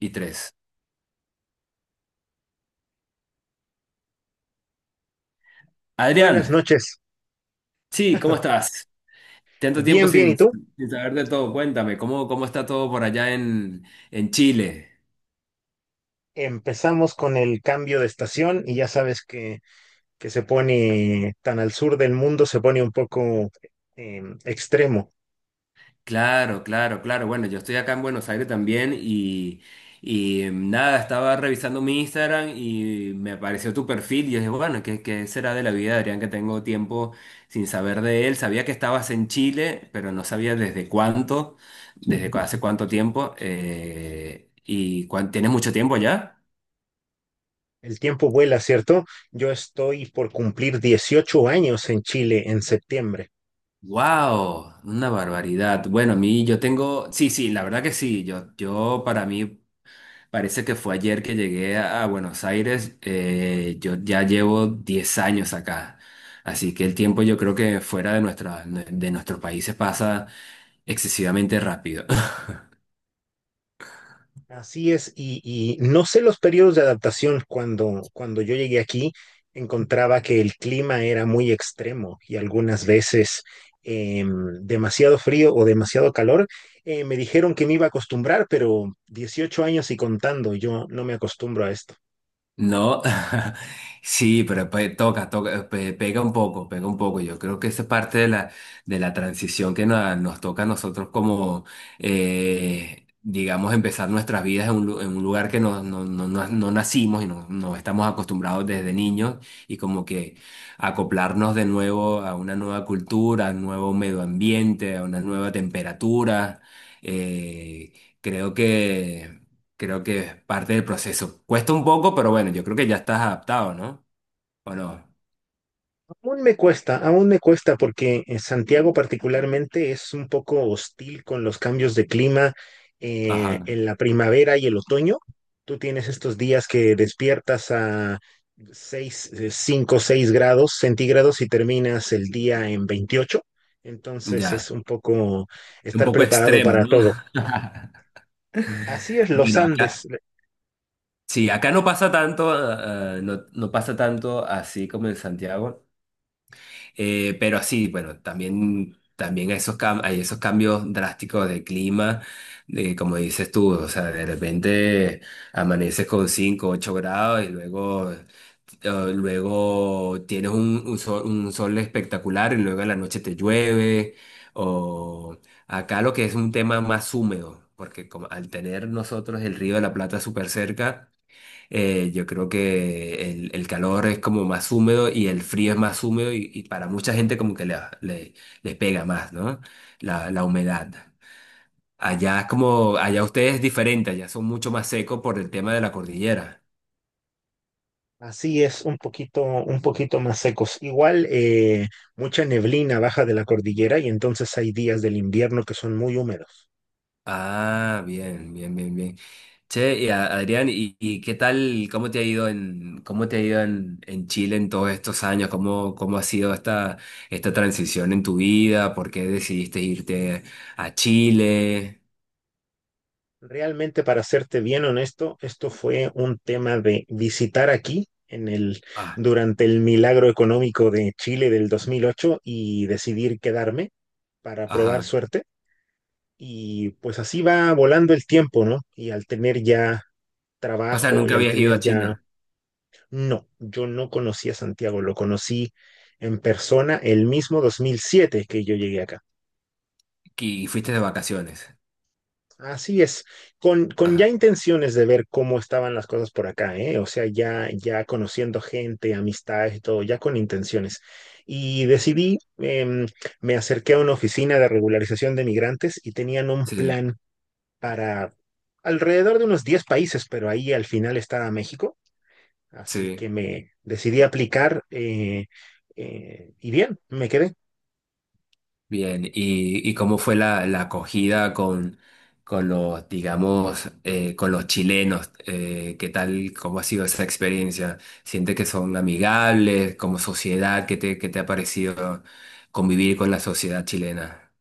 Y tres. Adrián, Buenas noches. sí, ¿cómo estás? Tanto tiempo Bien, bien. ¿Y sin, tú? sin saber de todo. Cuéntame, ¿cómo está todo por allá en Chile? Empezamos con el cambio de estación y ya sabes que se pone tan al sur del mundo, se pone un poco extremo. Claro, claro, claro. Bueno, yo estoy acá en Buenos Aires también y nada, estaba revisando mi Instagram y me apareció tu perfil y yo dije, bueno, ¿qué será de la vida de Adrián que tengo tiempo sin saber de él? Sabía que estabas en Chile, pero no sabía desde cuánto, desde cu- hace cuánto tiempo. ¿Tienes mucho tiempo ya? El tiempo vuela, ¿cierto? Yo estoy por cumplir 18 años en Chile en septiembre. Wow, una barbaridad. Bueno, a mí yo tengo, sí, sí, la verdad que sí. Yo para mí parece que fue ayer que llegué a Buenos Aires. Yo ya llevo 10 años acá, así que el tiempo yo creo que fuera de nuestros países pasa excesivamente rápido. Así es, y no sé los periodos de adaptación. Cuando yo llegué aquí, encontraba que el clima era muy extremo y algunas veces em, demasiado frío o demasiado calor. Me dijeron que me iba a acostumbrar, pero 18 años y contando, yo no me acostumbro a esto. No, sí, pero pega un poco, pega un poco. Yo creo que esa es parte de la transición que nos toca a nosotros como, digamos, empezar nuestras vidas en un lugar que no nacimos y no estamos acostumbrados desde niños y como que acoplarnos de nuevo a una nueva cultura, a un nuevo medio ambiente, a una nueva temperatura. Eh, creo que... Creo que es parte del proceso. Cuesta un poco, pero bueno, yo creo que ya estás adaptado, ¿no? ¿O no? Aún me cuesta porque Santiago particularmente es un poco hostil con los cambios de clima Ajá, en la primavera y el otoño. Tú tienes estos días que despiertas a 6, 5, 6 grados centígrados y terminas el día en 28. Entonces es ya. un poco Un estar poco preparado extremo, para ¿no? todo. Así es los Bueno, Andes. acá, sí, acá no pasa tanto, no pasa tanto así como en Santiago. Pero sí, bueno, también esos hay esos cambios drásticos de clima, de, como dices tú, o sea, de repente amaneces con 5, 8 grados y luego luego tienes un sol espectacular y luego en la noche te llueve. O acá lo que es un tema más húmedo, porque como al tener nosotros el Río de la Plata súper cerca, yo creo que el calor es como más húmedo y el frío es más húmedo y para mucha gente como que le pega más, ¿no? La humedad. Allá es como, allá ustedes es diferente, allá son mucho más secos por el tema de la cordillera. Así es, un poquito más secos. Igual, mucha neblina baja de la cordillera y entonces hay días del invierno que son muy húmedos. Ah, bien, bien, bien, bien. Che, y Adrián, ¿y qué tal, cómo te ha ido en Chile en todos estos años? ¿Cómo ha sido esta transición en tu vida? ¿Por qué decidiste irte a Chile? Realmente, para serte bien honesto, esto fue un tema de visitar aquí en Ah, durante el milagro económico de Chile del 2008 y decidir quedarme para probar ajá. suerte. Y pues así va volando el tiempo, ¿no? Y al tener ya O sea, trabajo nunca y al habías ido a tener ya... Chile No, yo no conocí a Santiago, lo conocí en persona el mismo 2007 que yo llegué acá. y fuiste de vacaciones. Así es, con ya Ajá. intenciones de ver cómo estaban las cosas por acá, ¿eh? O sea, ya conociendo gente, amistades y todo, ya con intenciones. Y decidí, me acerqué a una oficina de regularización de migrantes y tenían un Sí, plan para alrededor de unos 10 países, pero ahí al final estaba México. Así sí. que me decidí aplicar y bien, me quedé. Bien, ¿y cómo fue la acogida con los, digamos, con los chilenos? ¿Qué tal, cómo ha sido esa experiencia? ¿Sientes que son amigables como sociedad? ¿Qué te ha parecido convivir con la sociedad chilena?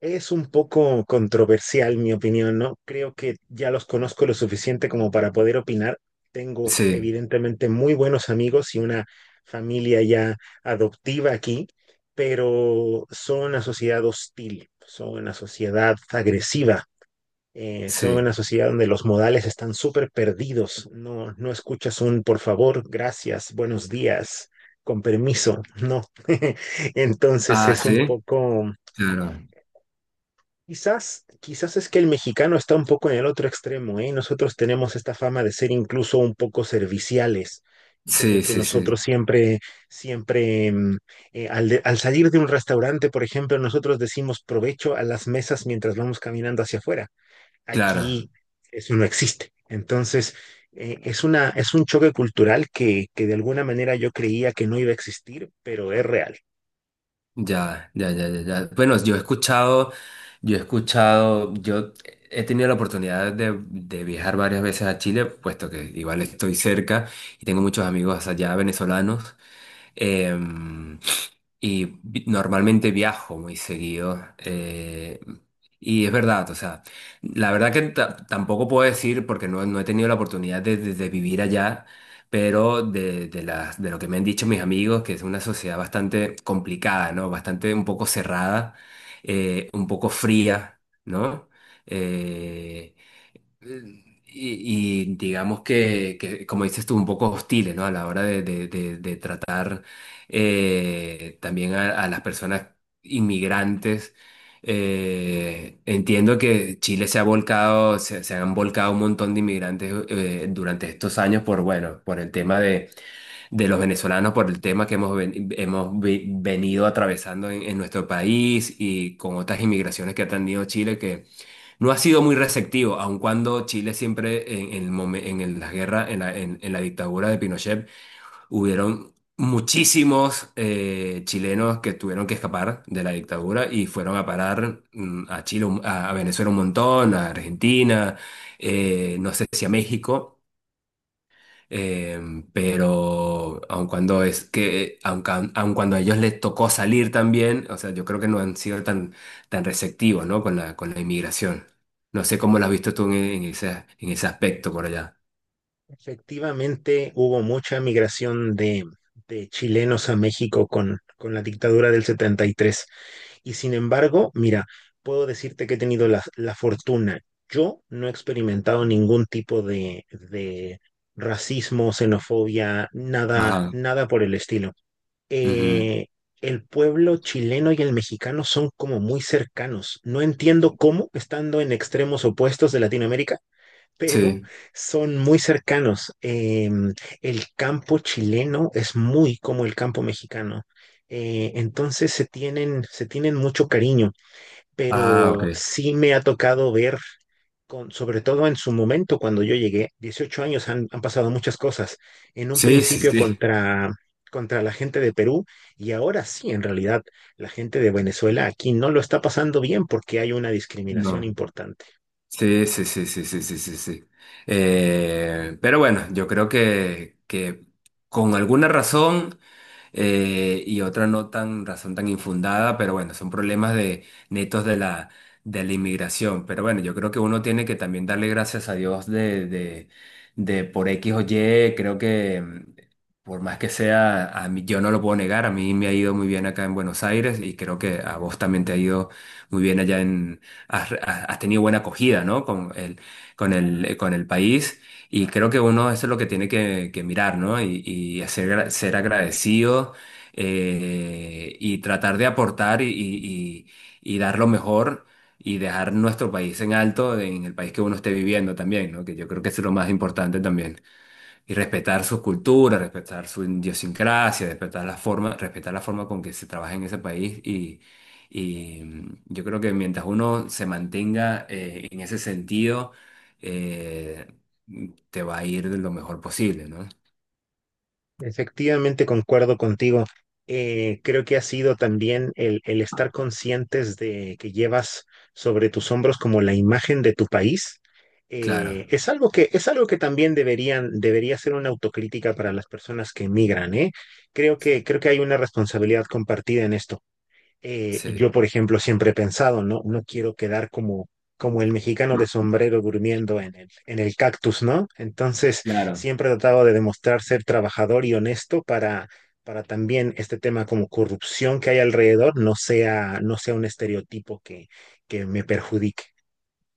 Es un poco controversial mi opinión, ¿no? Creo que ya los conozco lo suficiente como para poder opinar. Tengo Sí, evidentemente muy buenos amigos y una familia ya adoptiva aquí, pero son una sociedad hostil, son una sociedad agresiva. Son sí. una sociedad donde los modales están súper perdidos. No, no escuchas un por favor, gracias, buenos días, con permiso. No. Entonces Ah, es un sí, poco, claro. quizás, quizás es que el mexicano está un poco en el otro extremo, ¿eh? Nosotros tenemos esta fama de ser incluso un poco serviciales, como Sí, que sí, nosotros sí, siempre, siempre, al salir de un restaurante, por ejemplo, nosotros decimos provecho a las mesas mientras vamos caminando hacia afuera. claro. Aquí eso no existe. Entonces, es una, es un choque cultural que de alguna manera yo creía que no iba a existir, pero es real. Ya, ya, ya, ya, ya. Bueno, yo he tenido la oportunidad de viajar varias veces a Chile, puesto que igual estoy cerca y tengo muchos amigos allá venezolanos. Em, y normalmente viajo muy seguido. Y es verdad, o sea, la verdad que tampoco puedo decir, porque no he tenido la oportunidad de vivir allá, pero de lo que me han dicho mis amigos, que es una sociedad bastante complicada, ¿no? Bastante un poco cerrada, un poco fría, ¿no? Eh, y digamos que, como dices tú, un poco hostiles, ¿no? A la hora de tratar también a las personas inmigrantes. Entiendo que Chile se han volcado un montón de inmigrantes durante estos años por, bueno, por el tema de, los venezolanos, por el tema que hemos venido atravesando en nuestro país y con otras inmigraciones que ha tenido Chile no ha sido muy receptivo, aun cuando Chile siempre en la guerra, en la dictadura de Pinochet, hubieron muchísimos chilenos que tuvieron que escapar de la dictadura y fueron a parar a Chile, a Venezuela un montón, a Argentina, no sé si a México. Eh, pero aun cuando es que, aun, ca- aun cuando a ellos les tocó salir también, o sea, yo creo que no han sido tan receptivos, ¿no? Con la inmigración. No sé cómo lo has visto tú en ese aspecto por allá. Efectivamente, hubo mucha migración de chilenos a México con la dictadura del setenta y tres. Y sin embargo, mira, puedo decirte que he tenido la, la fortuna. Yo no he experimentado ningún tipo de racismo, xenofobia, nada, Ajá. nada por el estilo. Ujú. Eh, el pueblo chileno y el mexicano son como muy cercanos. No entiendo cómo, estando en extremos opuestos de Latinoamérica, pero Sí. son muy cercanos. El campo chileno es muy como el campo mexicano. Entonces se tienen mucho cariño, Ah, ok. pero sí me ha tocado ver, con, sobre todo en su momento cuando yo llegué, 18 años han pasado muchas cosas, en un Sí, sí, principio sí. contra, contra la gente de Perú y ahora sí, en realidad, la gente de Venezuela aquí no lo está pasando bien porque hay una discriminación No. importante. Sí, sí, sí, sí, sí, sí, sí, sí. Pero bueno, yo creo que con alguna razón y otra no tan razón tan infundada, pero bueno, son problemas de netos de la inmigración. Pero bueno, yo creo que uno tiene que también darle gracias a Dios de por X o Y. Creo que por más que sea, a mí, yo no lo puedo negar, a mí me ha ido muy bien acá en Buenos Aires y creo que a vos también te ha ido muy bien allá has tenido buena acogida, ¿no? Con el país. Y creo que uno eso es lo que tiene que mirar, ¿no? Y hacer, ser agradecido y, tratar de aportar y dar lo mejor y dejar nuestro país en alto en el país que uno esté viviendo también, ¿no? Que yo creo que eso es lo más importante también. Y respetar su cultura, respetar su idiosincrasia, respetar la forma con que se trabaja en ese país. Yo creo que mientras uno se mantenga en ese sentido, eh, te va a ir de lo mejor posible, ¿no? Efectivamente, concuerdo contigo. Creo que ha sido también el estar conscientes de que llevas sobre tus hombros como la imagen de tu país. Claro, Es algo que, es algo que también deberían, debería ser una autocrítica para las personas que emigran, ¿eh? Creo que hay una responsabilidad compartida en esto. Yo, sí. por ejemplo, siempre he pensado, no, no quiero quedar como, como el mexicano de sombrero durmiendo en en el cactus, ¿no? Entonces, Claro. siempre he tratado de demostrar ser trabajador y honesto para también este tema como corrupción que hay alrededor no sea, no sea un estereotipo que me perjudique.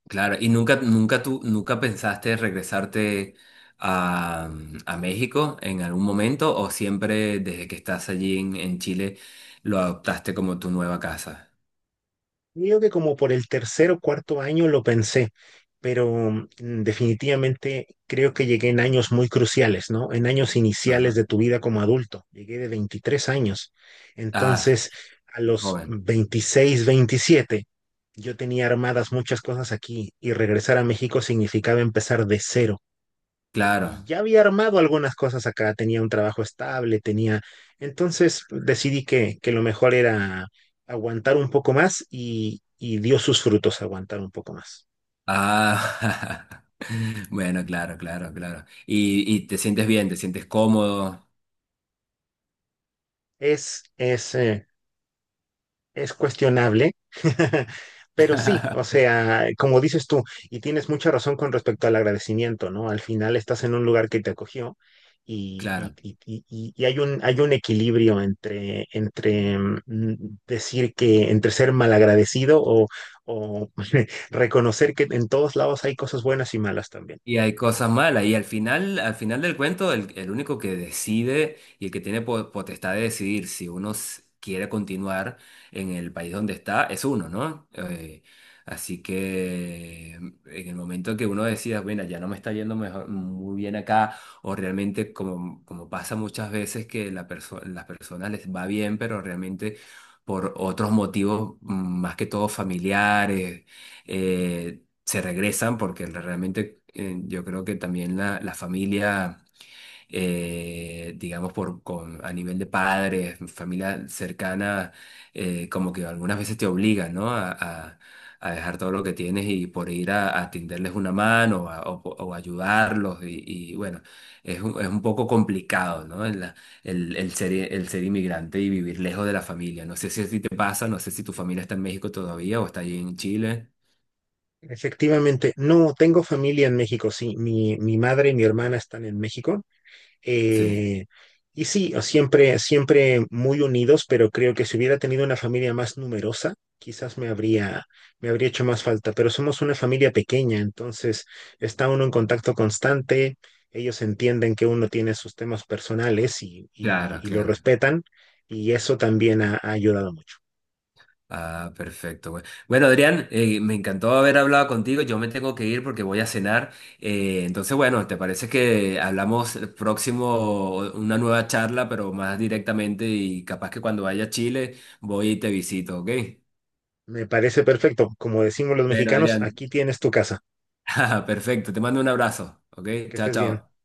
Claro. ¿Y nunca pensaste regresarte a México en algún momento o siempre desde que estás allí en Chile lo adoptaste como tu nueva casa? Creo que como por el tercer o cuarto año lo pensé, pero definitivamente creo que llegué en años muy cruciales, ¿no? En años iniciales de tu vida como adulto. Llegué de 23 años. Ah, Entonces, a los joven, 26, 27 yo tenía armadas muchas cosas aquí y regresar a México significaba empezar de cero y claro. ya había armado algunas cosas acá, tenía un trabajo estable, tenía... Entonces pues, decidí que lo mejor era aguantar un poco más y dio sus frutos aguantar un poco más. Ah, bueno, claro, claro, claro. Y te sientes bien, te sientes cómodo. Es, es eh, es cuestionable, pero sí, o sea, como dices tú, y tienes mucha razón con respecto al agradecimiento, ¿no? Al final estás en un lugar que te acogió y, y- Claro. y- y- y y hay un equilibrio entre, entre decir que, entre ser malagradecido o reconocer que en todos lados hay cosas buenas y malas también. Y hay cosas malas. Y al final del cuento, el único que decide y el que tiene potestad de decidir si uno quiere continuar en el país donde está, es uno, ¿no? Así que en el momento que uno decida, bueno, ya no me está yendo mejor, muy bien acá, o realmente como pasa muchas veces que las personas les va bien, pero realmente por otros motivos, más que todo familiares eh, se regresan porque realmente yo creo que también la familia, digamos, a nivel de padres, familia cercana, como que algunas veces te obligan, ¿no? A- a dejar todo lo que tienes y por ir a tenderles una mano o ayudarlos. Y bueno, es un poco complicado, ¿no? El, la- el ser inmigrante y vivir lejos de la familia. No sé si a ti te pasa, no sé si tu familia está en México todavía o está allí en Chile. Efectivamente, no, tengo familia en México, sí, mi madre y mi hermana están en México. Sí. Eh, y sí, siempre, siempre muy unidos, pero creo que si hubiera tenido una familia más numerosa, quizás me habría hecho más falta. Pero somos una familia pequeña, entonces está uno en contacto constante, ellos entienden que uno tiene sus temas personales Claro, y lo claro. respetan, y eso también ha, ha ayudado mucho. Ah, perfecto. Güey. Bueno, Adrián, me encantó haber hablado contigo. Yo me tengo que ir porque voy a cenar. Entonces, bueno, ¿te parece que hablamos el próximo, una nueva charla, pero más directamente y capaz que cuando vaya a Chile voy y te visito, ¿ok? Me parece perfecto. Como decimos los Bueno, mexicanos, Adrián, aquí tienes tu casa. perfecto. Te mando un abrazo, ¿ok? Que Chao, estés bien. chao.